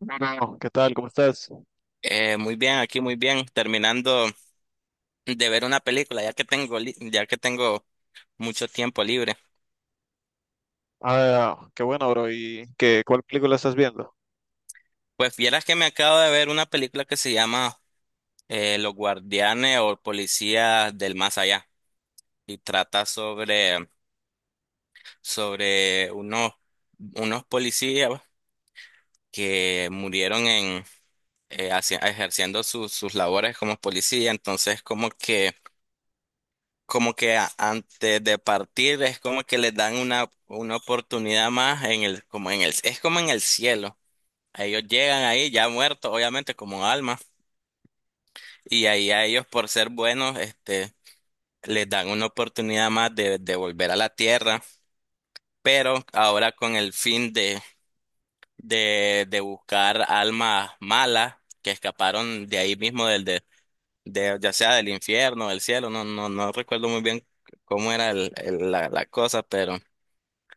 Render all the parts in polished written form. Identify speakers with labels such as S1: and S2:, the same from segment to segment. S1: Bueno, ¿qué tal? ¿Cómo estás?
S2: Muy bien, aquí muy bien, terminando de ver una película, ya que tengo, ya que tengo mucho tiempo libre.
S1: Ah, qué bueno, bro. ¿Y qué, cuál película estás viendo?
S2: Pues vieras que me acabo de ver una película que se llama Los Guardianes o Policías del Más Allá y trata sobre unos policías que murieron ejerciendo sus labores como policía, entonces como que antes de partir es como que les dan una oportunidad más en el, como en el, es como en el cielo. Ellos llegan ahí ya muertos, obviamente, como alma, y ahí a ellos por ser buenos, les dan una oportunidad más de volver a la tierra, pero ahora con el fin de buscar almas malas que escaparon de ahí mismo del, ya sea del infierno, del cielo, no, no, no recuerdo muy bien cómo era la cosa, pero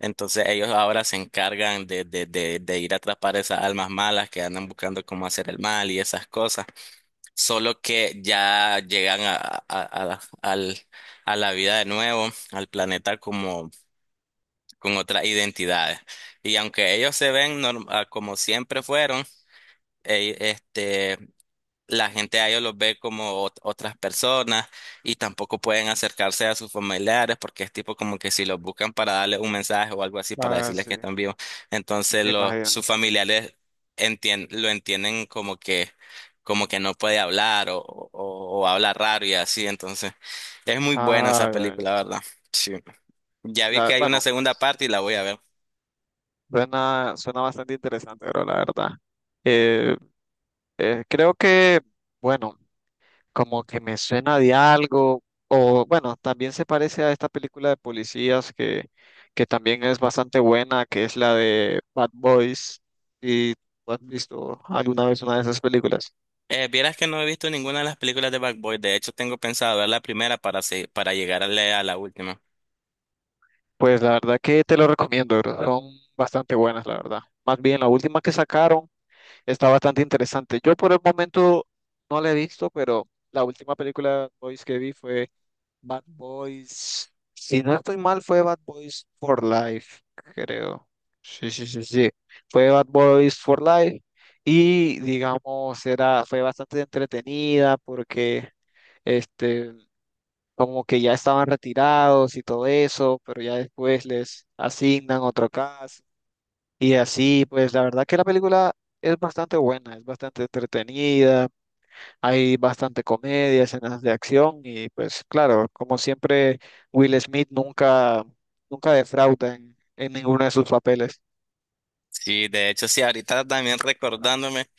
S2: entonces ellos ahora se encargan de ir a atrapar esas almas malas que andan buscando cómo hacer el mal y esas cosas. Solo que ya llegan a la vida de nuevo, al planeta como con otras identidades. Y aunque ellos se ven como siempre fueron, eh, este, la gente a ellos los ve como otras personas y tampoco pueden acercarse a sus familiares porque es tipo como que si los buscan para darles un mensaje o algo así para
S1: Ah,
S2: decirles
S1: sí,
S2: que están vivos, entonces
S1: me imagino.
S2: sus familiares lo entienden como que no puede hablar o habla raro y así, entonces es muy buena
S1: Ah,
S2: esa película, la ¿verdad? Sí. Ya vi que hay una
S1: bueno,
S2: segunda parte y la voy a ver.
S1: suena bastante interesante, bro, la verdad. Eh, Creo que, bueno, como que me suena de algo, o bueno, también se parece a esta película de policías que también es bastante buena, que es la de Bad Boys. ¿Y tú has visto alguna vez una de esas películas?
S2: Vieras que no he visto ninguna de las películas de Bad Boy. De hecho, tengo pensado ver la primera para llegarle a la última.
S1: Pues la verdad que te lo recomiendo, bro. Son bastante buenas, la verdad. Más bien, la última que sacaron está bastante interesante. Yo por el momento no la he visto, pero la última película de Bad Boys que vi fue Bad Boys. Si no estoy mal, fue Bad Boys for Life, creo. Sí, sí, sí, sí. Fue Bad Boys for Life y digamos, fue bastante entretenida. Porque... Este, Como que ya estaban retirados y todo eso, pero ya después les asignan otro caso. Y así, pues la verdad que la película es bastante buena, es bastante entretenida, hay bastante comedia, escenas de acción y pues claro, como siempre, Will Smith nunca, nunca defrauda en ninguno de sus papeles.
S2: Sí, de hecho, sí, ahorita también recordándome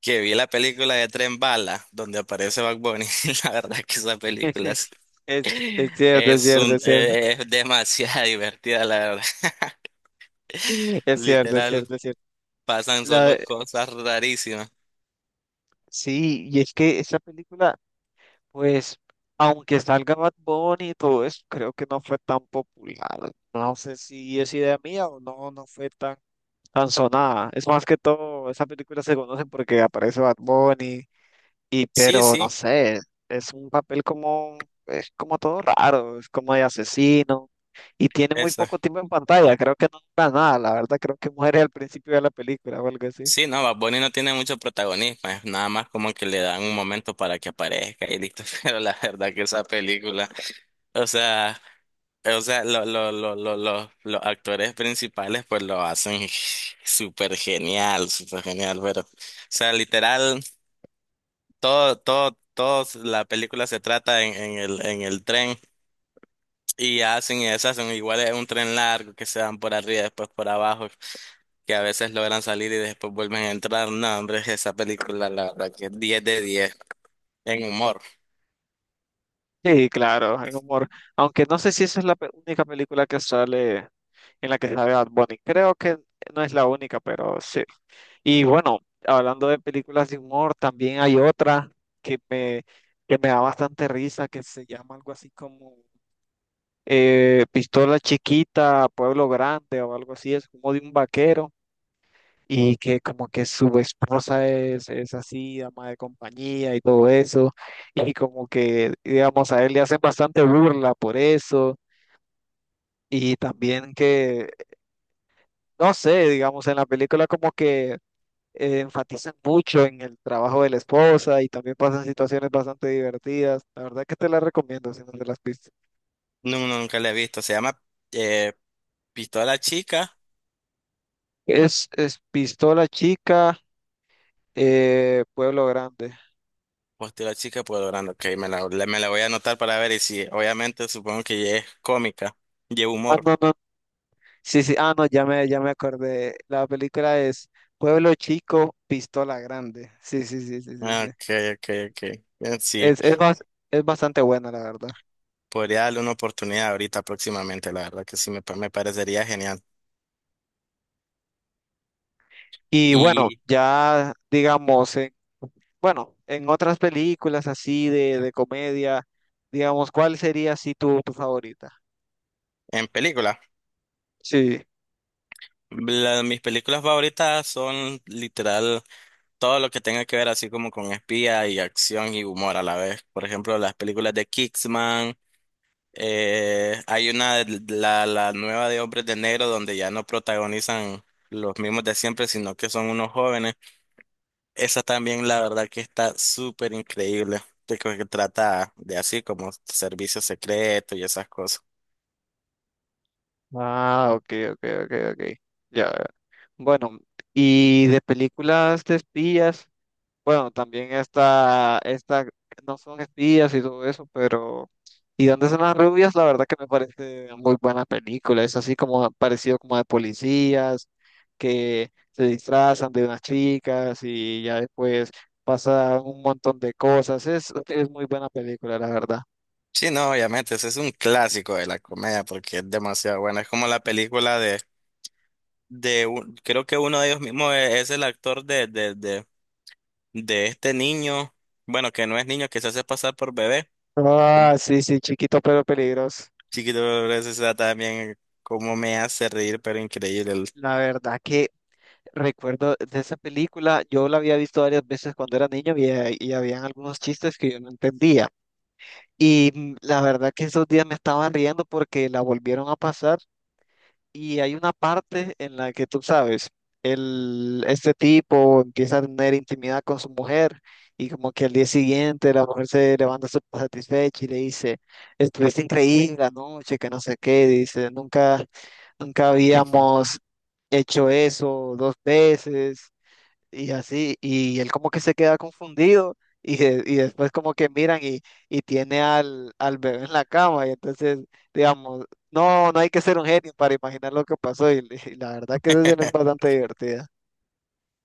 S2: que vi la película de Tren Bala, donde aparece Bad Bunny. La verdad que esa película
S1: Es cierto, es
S2: es
S1: cierto,
S2: un,
S1: es cierto.
S2: es demasiado divertida, la verdad.
S1: Mm. Es cierto, es
S2: Literal,
S1: cierto, es cierto.
S2: pasan solo
S1: La,
S2: cosas rarísimas.
S1: sí, y es que esa película. Pues, aunque salga Bad Bunny y todo eso, creo que no fue tan popular. No sé si es idea mía o no, no fue tan sonada. Es más que todo, esa película se conoce porque aparece Bad Bunny, y
S2: Sí,
S1: pero no
S2: sí,
S1: sé, es como todo raro, es como de asesino, y tiene muy
S2: eso.
S1: poco tiempo en pantalla, creo que no dura nada, la verdad creo que muere al principio de la película o algo así.
S2: Sí, no, Bad Bunny no tiene mucho protagonismo, es nada más como que le dan un momento para que aparezca y listo. Pero la verdad que esa película, o sea. O sea, los actores principales pues lo hacen súper genial, pero, o sea, literal, todo la película se trata en el tren y hacen y deshacen, igual es un tren largo que se dan por arriba, después por abajo, que a veces logran salir y después vuelven a entrar. No, hombre, esa película, la verdad que es 10 de 10 en humor.
S1: Sí, claro, hay humor. Aunque no sé si esa es la única película que sale en la que sale Bad Bunny. Creo que no es la única, pero sí. Y bueno, hablando de películas de humor, también hay otra que me, que me da bastante risa, que se llama algo así como Pistola Chiquita, Pueblo Grande o algo así. Es como de un vaquero y que como que su esposa es así, dama de compañía y todo eso, y como que, digamos, a él le hacen bastante burla por eso, y también que, no sé, digamos, en la película como que enfatizan mucho en el trabajo de la esposa y también pasan situaciones bastante divertidas. La verdad que te la recomiendo si no te las viste.
S2: No, nunca la he visto, se llama eh, Pistola Chica.
S1: Es Pistola Chica, Pueblo Grande.
S2: Hostia, la chica logrando ok, me la voy a anotar para ver y si, obviamente, supongo que ya es cómica, lleva
S1: Ah,
S2: humor.
S1: no, no, sí, sí, ah, no, ya me acordé. La película es Pueblo Chico, Pistola Grande. Sí, sí, sí, sí, sí,
S2: Ah,
S1: sí.
S2: ok, ok, ok. Sí,
S1: Es, es, bas- es bastante buena, la verdad.
S2: podría darle una oportunidad ahorita próximamente, la verdad que sí, me parecería genial.
S1: Y bueno,
S2: Y
S1: ya digamos, bueno, en otras películas así de comedia, digamos, ¿cuál sería así tu favorita?
S2: en película,
S1: Sí.
S2: mis películas favoritas son literal todo lo que tenga que ver así como con espía y acción y humor a la vez. Por ejemplo, las películas de Kingsman. Hay una, la nueva de Hombres de Negro, donde ya no protagonizan los mismos de siempre, sino que son unos jóvenes. Esa también, la verdad, que está súper increíble. De que trata de así como servicio secreto y esas cosas.
S1: Ah, ok, ok, ok, ok. Ya. Bueno, y de películas de espías. Bueno, también no son espías y todo eso, pero. ¿Y dónde son las rubias? La verdad que me parece una muy buena película. Es así como parecido como de policías que se disfrazan de unas chicas y ya después pasa un montón de cosas. Es muy buena película, la verdad.
S2: Sí, no, obviamente, ese es un clásico de la comedia porque es demasiado buena. Es como la película de creo que uno de ellos mismos es el actor de este niño, bueno, que no es niño, que se hace pasar por bebé.
S1: Ah, sí, sí, chiquito pero peligroso.
S2: Chiquito, pero eso está también cómo me hace reír, pero increíble.
S1: La verdad que recuerdo de esa película, yo la había visto varias veces cuando era niño y habían algunos chistes que yo no entendía. Y la verdad que esos días me estaba riendo porque la volvieron a pasar y hay una parte en la que tú sabes, el, este tipo empieza a tener intimidad con su mujer y como que al día siguiente la mujer se levanta súper satisfecha y le dice, estuviste increíble anoche, que no sé qué, dice, nunca, nunca habíamos hecho eso dos veces. Y así, y él como que se queda confundido y después como que miran y tiene al, al bebé en la cama y entonces, digamos, no, no hay que ser un genio para imaginar lo que pasó y la verdad que esa escena es bastante divertida.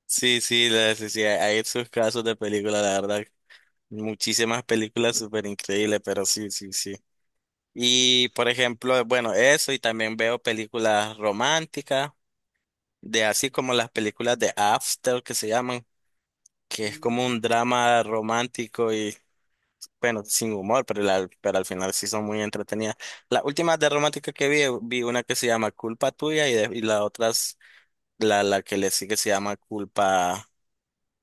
S2: Sí, sí, sí, sí, hay esos casos de películas, la verdad. Muchísimas películas súper increíbles, pero sí, sí, sí. Y por ejemplo, bueno, eso, y también veo películas románticas, de así como las películas de After que se llaman, que es como un drama romántico y bueno, sin humor, pero, pero al final sí son muy entretenidas. Las últimas de romántica que vi, vi una que se llama Culpa Tuya y la otra, la la que le sigue se llama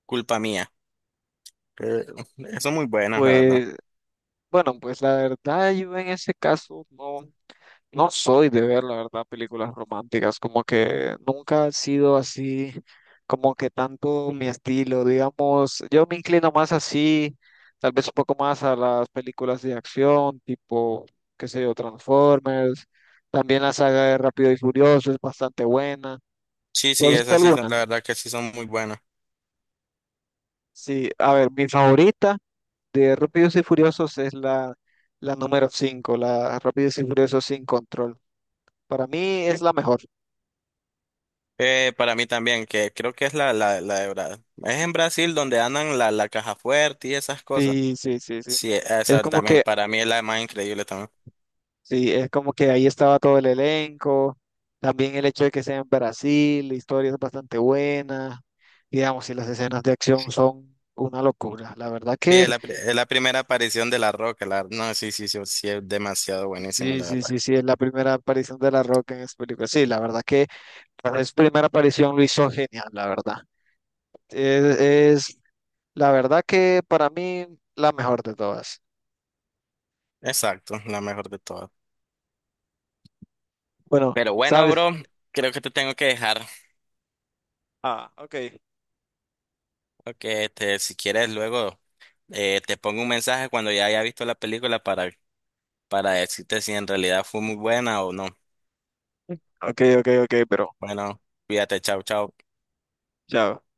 S2: Culpa Mía, que son muy buenas, la verdad.
S1: Pues, bueno, pues la verdad yo en ese caso no. No soy de ver, la verdad, películas románticas, como que nunca ha sido así, como que tanto mi estilo, digamos, yo me inclino más así, tal vez un poco más a las películas de acción, tipo, qué sé yo, Transformers, también la saga de Rápido y Furioso es bastante buena.
S2: Sí,
S1: ¿Tú has
S2: sí,
S1: visto
S2: esas sí son, la
S1: alguna?
S2: verdad que sí son muy buenas.
S1: Sí, a ver, mi favorita de Rápidos y Furiosos es la número cinco, la Rápidos y Furiosos sin control. Para mí es la mejor.
S2: Para mí también, que creo que es la de Brasil. Es en Brasil donde andan la caja fuerte y esas cosas.
S1: Sí, sí, sí, sí.
S2: Sí,
S1: Es
S2: esa
S1: como
S2: también,
S1: que,
S2: para mí es la más increíble también.
S1: sí, es como que ahí estaba todo el elenco, también el hecho de que sea en Brasil, la historia es bastante buena, digamos, y las escenas de acción son una locura. La verdad
S2: Sí, es
S1: que,
S2: es la primera aparición de La Roca. La, no, sí, sí, sí, sí, es demasiado buenísimo,
S1: sí,
S2: la
S1: sí,
S2: verdad.
S1: sí, sí, es la primera aparición de La Roca en esta película. Sí, la verdad que para su primera aparición lo hizo genial, la verdad. Es, es, la verdad que para mí, la mejor de todas.
S2: Exacto, la mejor de todas.
S1: Bueno,
S2: Pero bueno,
S1: ¿sabes?
S2: bro, creo que te tengo que dejar.
S1: Ah, ok.
S2: Porque este, si quieres luego. Te pongo un mensaje cuando ya haya visto la película para decirte si en realidad fue muy buena o no.
S1: Ok, ok, ok, pero,
S2: Bueno, cuídate, chao, chao.
S1: chao.